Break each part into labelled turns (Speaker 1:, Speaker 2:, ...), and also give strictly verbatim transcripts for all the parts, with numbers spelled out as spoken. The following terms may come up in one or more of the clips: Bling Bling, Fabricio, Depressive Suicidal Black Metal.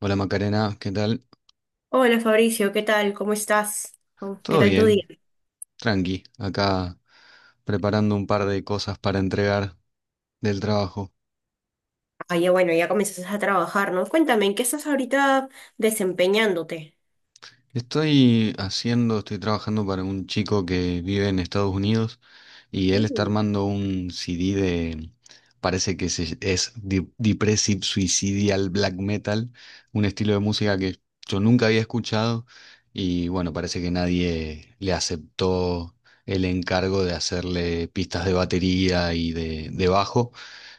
Speaker 1: Hola Macarena, ¿qué tal?
Speaker 2: Hola Fabricio, ¿qué tal? ¿Cómo estás? ¿Cómo- ¿Qué
Speaker 1: Todo
Speaker 2: tal tu día?
Speaker 1: bien, tranqui, acá preparando un par de cosas para entregar del trabajo.
Speaker 2: Ah, ya bueno, ya comienzas a trabajar, ¿no? Cuéntame, ¿en qué estás ahorita desempeñándote?
Speaker 1: Estoy haciendo, estoy trabajando para un chico que vive en Estados Unidos y él está
Speaker 2: Mm,
Speaker 1: armando un C D de, parece que se- es de- Depressive Suicidal Black Metal, un estilo de música que yo nunca había escuchado y bueno, parece que nadie le aceptó el encargo de hacerle pistas de batería y de, de bajo.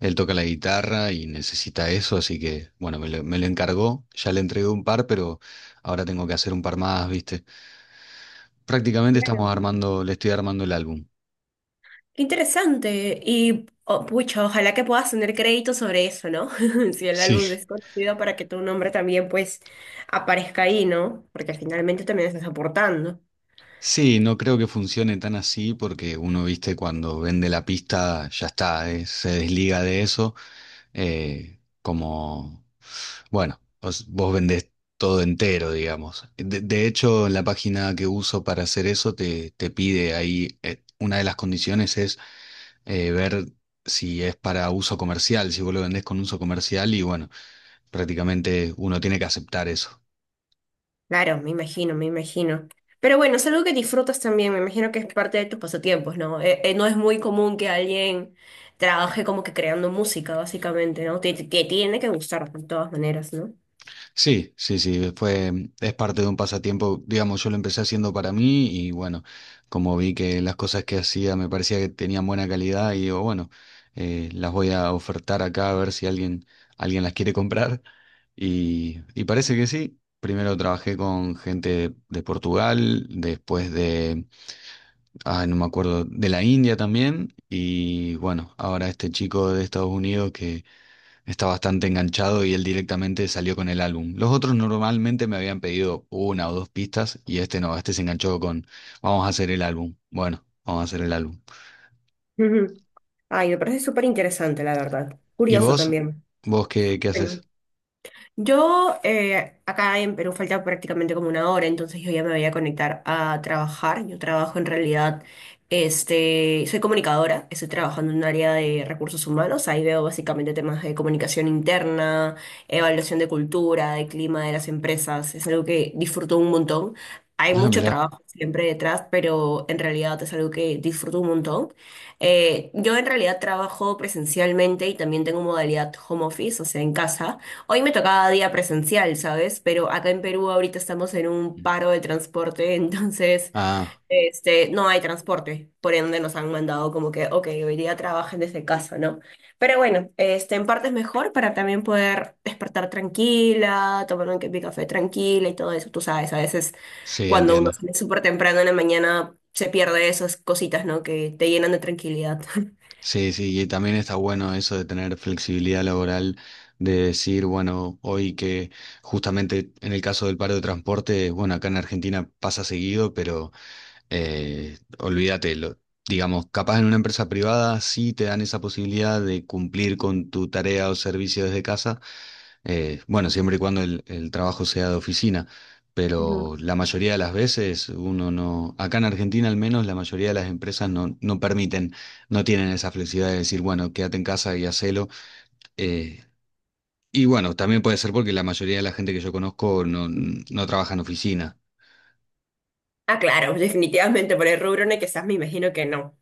Speaker 1: Él toca la guitarra y necesita eso, así que bueno, me lo, me lo encargó, ya le entregué un par, pero... Ahora tengo que hacer un par más, ¿viste? Prácticamente estamos
Speaker 2: claro.
Speaker 1: armando, le estoy armando el álbum.
Speaker 2: Qué interesante. Y, oh, pucha, ojalá que puedas tener crédito sobre eso, ¿no? Si el
Speaker 1: Sí,
Speaker 2: álbum es conocido para que tu nombre también, pues, aparezca ahí, ¿no? Porque finalmente también estás aportando.
Speaker 1: sí, no creo que funcione tan así porque uno, ¿viste? Cuando vende la pista, ya está, eh, se desliga de eso. eh, como, bueno, vos, vos vendés todo entero, digamos. De, de hecho, en la página que uso para hacer eso te, te pide ahí, eh, una de las condiciones es eh, ver si es para uso comercial, si vos lo vendés con uso comercial y bueno. Prácticamente uno tiene que aceptar eso.
Speaker 2: Claro, me imagino, me imagino. Pero bueno, es algo que disfrutas también, me imagino que es parte de tus pasatiempos, ¿no? Eh, eh, no es muy común que alguien trabaje como que creando música, básicamente, ¿no? Te, te tiene que gustar de todas maneras, ¿no?
Speaker 1: Sí, sí, sí, fue, es parte de un pasatiempo, digamos, yo lo empecé haciendo para mí y bueno, como vi que las cosas que hacía me parecía que tenían buena calidad y digo, bueno, eh, las voy a ofertar acá a ver si alguien, alguien las quiere comprar y, y parece que sí. Primero trabajé con gente de Portugal, después de, ah, no me acuerdo, de la India también y bueno, ahora este chico de Estados Unidos que está bastante enganchado y él directamente salió con el álbum. Los otros normalmente me habían pedido una o dos pistas y este no, este se enganchó con vamos a hacer el álbum. Bueno, vamos a hacer el álbum.
Speaker 2: Ujú. Ay, me parece súper interesante, la verdad.
Speaker 1: ¿Y
Speaker 2: Curioso
Speaker 1: vos?
Speaker 2: también.
Speaker 1: ¿Vos qué, qué
Speaker 2: Bueno.
Speaker 1: haces?
Speaker 2: Yo eh, acá en Perú falta prácticamente como una hora, entonces yo ya me voy a conectar a trabajar. Yo trabajo en realidad, este, soy comunicadora, estoy trabajando en un área de recursos humanos. Ahí veo básicamente temas de comunicación interna, evaluación de cultura, de clima de las empresas. Es algo que disfruto un montón. Hay
Speaker 1: Ah,
Speaker 2: mucho
Speaker 1: mirá.
Speaker 2: trabajo siempre detrás, pero en realidad es algo que disfruto un montón. Eh, yo en realidad trabajo presencialmente y también tengo modalidad home office, o sea, en casa. Hoy me tocaba día presencial, ¿sabes? Pero acá en Perú ahorita estamos en un paro de transporte, entonces,
Speaker 1: Ah,
Speaker 2: este, no hay transporte, por ende nos han mandado como que, ok, hoy día trabajen desde casa, ¿no? Pero bueno, este, en parte es mejor para también poder despertar tranquila, tomar un ca- mi café tranquila y todo eso, tú sabes, a veces
Speaker 1: sí,
Speaker 2: cuando uno
Speaker 1: entiendo.
Speaker 2: sale súper temprano en la mañana se pierde esas cositas, ¿no? Que te llenan de tranquilidad.
Speaker 1: Sí, sí, y también está bueno eso de tener flexibilidad laboral, de decir, bueno, hoy que justamente en el caso del paro de transporte, bueno, acá en Argentina pasa seguido, pero... Eh, olvídate, lo- digamos, capaz en una empresa privada sí te dan esa posibilidad de cumplir con tu tarea o servicio desde casa, eh, bueno, siempre y cuando el, el trabajo sea de oficina,
Speaker 2: Ujú.
Speaker 1: pero la mayoría de las veces uno no, acá en Argentina al menos la mayoría de las empresas no, no permiten, no tienen esa flexibilidad de decir, bueno, quédate en casa y hacelo. eh, y bueno, también puede ser porque la mayoría de la gente que yo conozco no, no trabaja en oficina.
Speaker 2: Ah, claro, definitivamente por el rubro en el que estás me imagino que no.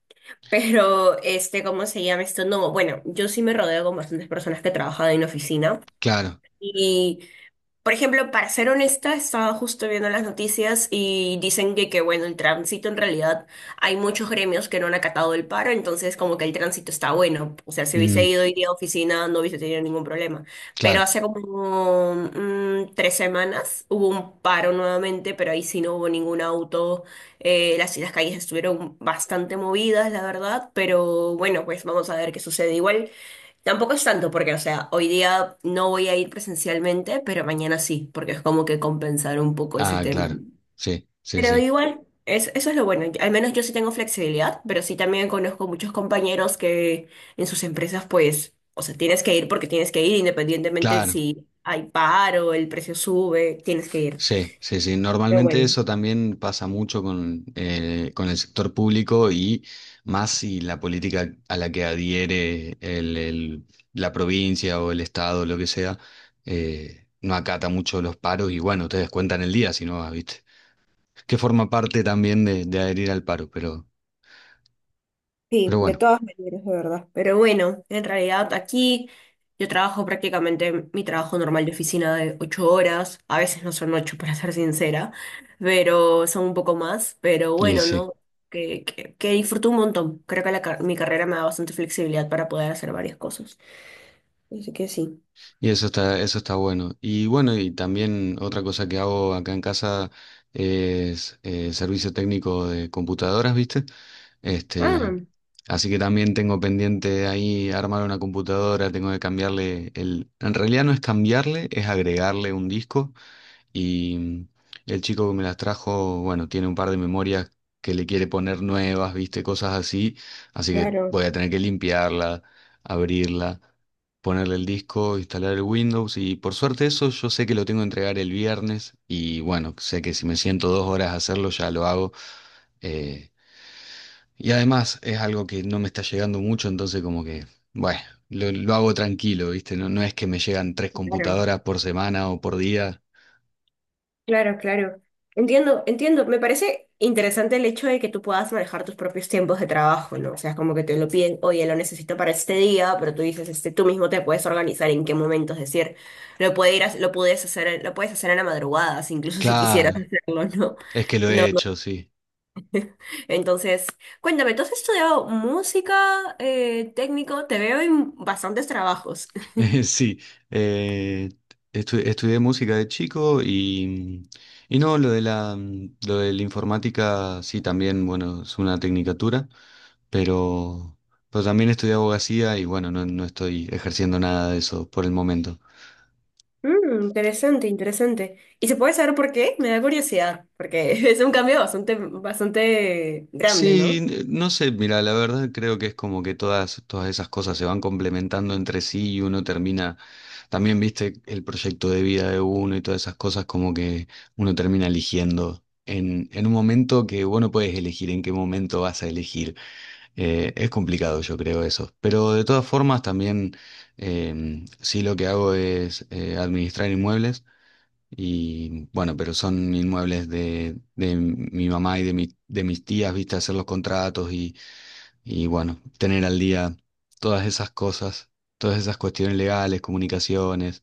Speaker 2: Pero, este, ¿cómo se llama esto? No, bueno, yo sí me rodeo con bastantes personas que trabajan en oficina
Speaker 1: Claro,
Speaker 2: y por ejemplo, para ser honesta, estaba justo viendo las noticias y dicen que, que, bueno, el tránsito en realidad hay muchos gremios que no han acatado el paro, entonces como que el tránsito está bueno. O sea, si
Speaker 1: mm,
Speaker 2: hubiese ido hoy día a oficina no hubiese tenido ningún problema. Pero
Speaker 1: claro.
Speaker 2: hace como mm, tres semanas hubo un paro nuevamente, pero ahí sí no hubo ningún auto. Eh, las, las calles estuvieron bastante movidas, la verdad, pero bueno, pues vamos a ver qué sucede. Igual. Tampoco es tanto porque, o sea, hoy día no voy a ir presencialmente, pero mañana sí, porque es como que compensar un poco ese
Speaker 1: Ah,
Speaker 2: tema.
Speaker 1: claro. Sí, sí,
Speaker 2: Pero
Speaker 1: sí.
Speaker 2: igual, es, eso es lo bueno. Al menos yo sí tengo flexibilidad, pero sí también conozco muchos compañeros que en sus empresas, pues, o sea, tienes que ir porque tienes que ir, independientemente
Speaker 1: Claro,
Speaker 2: si hay paro, el precio sube, tienes que ir.
Speaker 1: sí, sí, sí.
Speaker 2: Pero
Speaker 1: Normalmente
Speaker 2: bueno.
Speaker 1: eso también pasa mucho con, eh, con el sector público y más si la política a la que adhiere el- el- la provincia o el estado, lo que sea, eh, no acata mucho los paros y bueno, ustedes cuentan el día si no, ¿viste? Que forma parte también de, de adherir al paro, pero,
Speaker 2: Sí,
Speaker 1: pero
Speaker 2: de
Speaker 1: bueno,
Speaker 2: todas maneras, de verdad. Pero bueno, en realidad aquí yo trabajo prácticamente mi trabajo normal de oficina de ocho horas. A veces no son ocho, para ser sincera, pero son un poco más. Pero
Speaker 1: y
Speaker 2: bueno,
Speaker 1: sí.
Speaker 2: ¿no? Que, que, que disfruto un montón. Creo que la car- mi carrera me da bastante flexibilidad para poder hacer varias cosas. Así que sí.
Speaker 1: Y eso está, eso está bueno. Y bueno, y también otra cosa que hago acá en casa es eh, servicio técnico de computadoras, ¿viste? Este,
Speaker 2: Ah,
Speaker 1: así que también tengo pendiente ahí armar una computadora, tengo que cambiarle el... En realidad no es cambiarle, es agregarle un disco y el chico que me las trajo, bueno, tiene un par de memorias que le quiere poner nuevas, viste, cosas así. Así que
Speaker 2: claro,
Speaker 1: voy a tener que limpiarla, abrirla, ponerle el disco, instalar el Windows. Y por suerte eso yo sé que lo tengo que entregar el viernes. Y bueno, sé que si me siento dos horas a hacerlo, ya lo hago. Eh, y además es algo que no me está llegando mucho, entonces como que, bueno, lo, lo hago tranquilo, viste. No, no es que me llegan tres
Speaker 2: claro.
Speaker 1: computadoras por semana o por día.
Speaker 2: Claro, claro. Entiendo, entiendo. Me parece interesante el hecho de que tú puedas manejar tus propios tiempos de trabajo, ¿no? O sea, es como que te lo piden, oye, lo necesito para este día, pero tú dices, este, tú mismo te puedes organizar en qué momentos, es decir, lo puede ir a- lo puedes hacer, lo puedes hacer en la madrugada, si incluso si quisieras
Speaker 1: Claro,
Speaker 2: hacerlo, ¿no?
Speaker 1: es que lo
Speaker 2: No,
Speaker 1: he
Speaker 2: no.
Speaker 1: hecho, sí.
Speaker 2: Entonces, cuéntame, ¿tú has estudiado música, eh, técnico? Te veo en bastantes trabajos.
Speaker 1: Sí, eh, estu- estudié música de chico y, y no, lo de la, lo de la informática, sí, también, bueno, es una tecnicatura, pero, pero también estudié abogacía y bueno, no, no estoy ejerciendo nada de eso por el momento.
Speaker 2: Mm, interesante, interesante. ¿Y se puede saber por qué? Me da curiosidad, porque es un cambio bastante, bastante grande, ¿no?
Speaker 1: Sí, no sé, mira, la verdad creo que es como que todas, todas esas cosas se van complementando entre sí y uno termina, también viste el proyecto de vida de uno y todas esas cosas como que uno termina eligiendo en, en un momento que vos no puedes elegir en qué momento vas a elegir. Eh, es complicado yo creo eso, pero de todas formas también eh, sí lo que hago es eh, administrar inmuebles. Y bueno, pero son inmuebles de, de mi mamá y de, mi- de mis tías, viste, hacer los contratos y, y bueno, tener al día todas esas cosas, todas esas cuestiones legales, comunicaciones.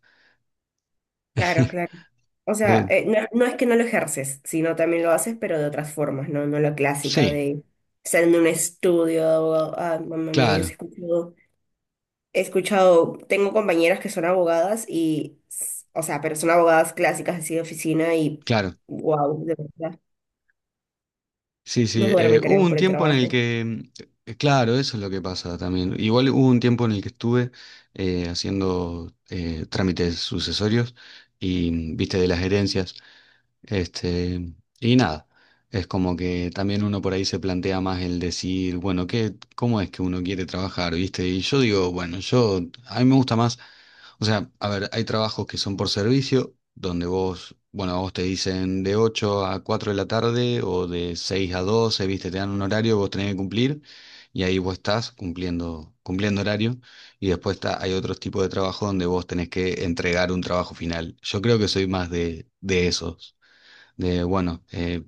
Speaker 2: Claro, claro. O sea,
Speaker 1: Eh,
Speaker 2: eh, no, no es que no lo ejerces, sino también lo haces, pero de otras formas, ¿no? No la clásica
Speaker 1: sí,
Speaker 2: de estar en un estudio de abogado. Ah, mamá mía, yo sí he
Speaker 1: claro,
Speaker 2: escuchado, he escuchado, tengo compañeras que son abogadas y, s- o sea, pero son abogadas clásicas así de oficina y,
Speaker 1: claro.
Speaker 2: wow, de verdad,
Speaker 1: Sí, sí.
Speaker 2: no
Speaker 1: Eh,
Speaker 2: duermen,
Speaker 1: hubo
Speaker 2: creo,
Speaker 1: un
Speaker 2: por el
Speaker 1: tiempo en el
Speaker 2: trabajo.
Speaker 1: que, mm, eh, claro, eso es lo que pasa también. Igual hubo un tiempo en el que estuve eh, haciendo eh, trámites sucesorios y, mm, viste, de las herencias. Este, y nada, es como que también uno por ahí se plantea más el decir, bueno, ¿qué, cómo es que uno quiere trabajar, ¿viste? Y yo digo, bueno, yo, a mí me gusta más, o sea, a ver, hay trabajos que son por servicio, donde vos, bueno, a vos te dicen de ocho a cuatro de la tarde o de seis a doce, ¿viste? Te dan un horario, vos tenés que cumplir y ahí vos estás cumpliendo, cumpliendo horario. Y después está, hay otros tipos de trabajo donde vos tenés que entregar un trabajo final. Yo creo que soy más de, de esos de, bueno, eh,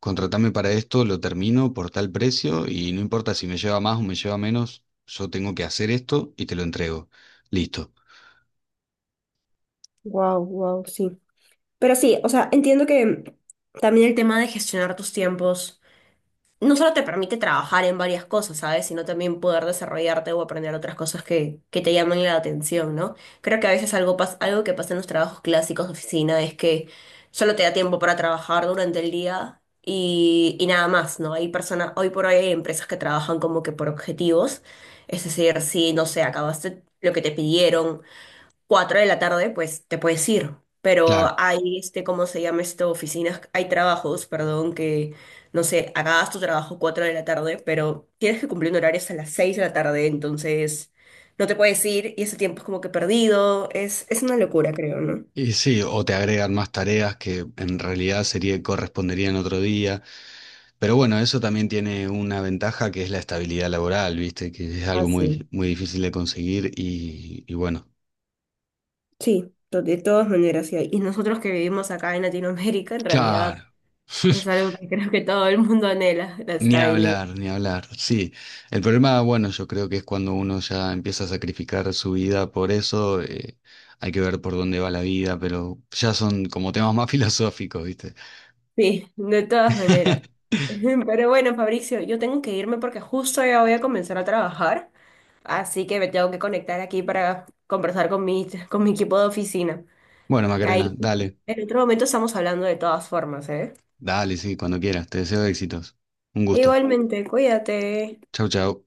Speaker 1: contratame para esto, lo termino por tal precio y no importa si me lleva más o me lleva menos, yo tengo que hacer esto y te lo entrego. Listo.
Speaker 2: Wow, wow, sí. Pero sí, o sea, entiendo que también el tema de gestionar tus tiempos no solo te permite trabajar en varias cosas, ¿sabes? Sino también poder desarrollarte o aprender otras cosas que, que te llaman la atención, ¿no? Creo que a veces algo, pas- algo que pasa en los trabajos clásicos de oficina es que solo te da tiempo para trabajar durante el día y, y nada más, ¿no? Hay personas, hoy por hoy hay empresas que trabajan como que por objetivos, es decir, si, no sé, acabaste lo que te pidieron cuatro de la tarde, pues te puedes ir.
Speaker 1: Claro.
Speaker 2: Pero hay, este, ¿cómo se llama esto? Oficinas, hay trabajos, perdón, que, no sé, acabas tu trabajo cuatro de la tarde, pero tienes que cumplir un horario hasta las seis de la tarde, entonces no te puedes ir y ese tiempo es como que perdido. Es, es una locura, creo, ¿no?
Speaker 1: Y sí, o te agregan más tareas que en realidad sería, corresponderían otro día. Pero bueno, eso también tiene una ventaja que es la estabilidad laboral, ¿viste? Que es
Speaker 2: Ah,
Speaker 1: algo muy,
Speaker 2: sí.
Speaker 1: muy difícil de conseguir y, y bueno.
Speaker 2: Sí, to- de todas maneras, sí. Y nosotros que vivimos acá en Latinoamérica, en
Speaker 1: Claro.
Speaker 2: realidad es algo que creo que todo el mundo anhela, la
Speaker 1: Ni
Speaker 2: estabilidad.
Speaker 1: hablar, ni hablar. Sí, el problema, bueno, yo creo que es cuando uno ya empieza a sacrificar su vida por eso, eh, hay que ver por dónde va la vida, pero ya son como temas más filosóficos, ¿viste?
Speaker 2: Sí, de todas maneras. Pero bueno, Fabricio, yo tengo que irme porque justo ya voy a comenzar a trabajar, así que me tengo que conectar aquí para conversar con mi, con mi equipo de oficina.
Speaker 1: Bueno, Macarena,
Speaker 2: Ahí
Speaker 1: dale,
Speaker 2: en otro momento estamos hablando de todas formas, ¿eh?
Speaker 1: dale, sí, cuando quieras. Te deseo éxitos. Un gusto.
Speaker 2: Igualmente, cuídate.
Speaker 1: Chau, chau.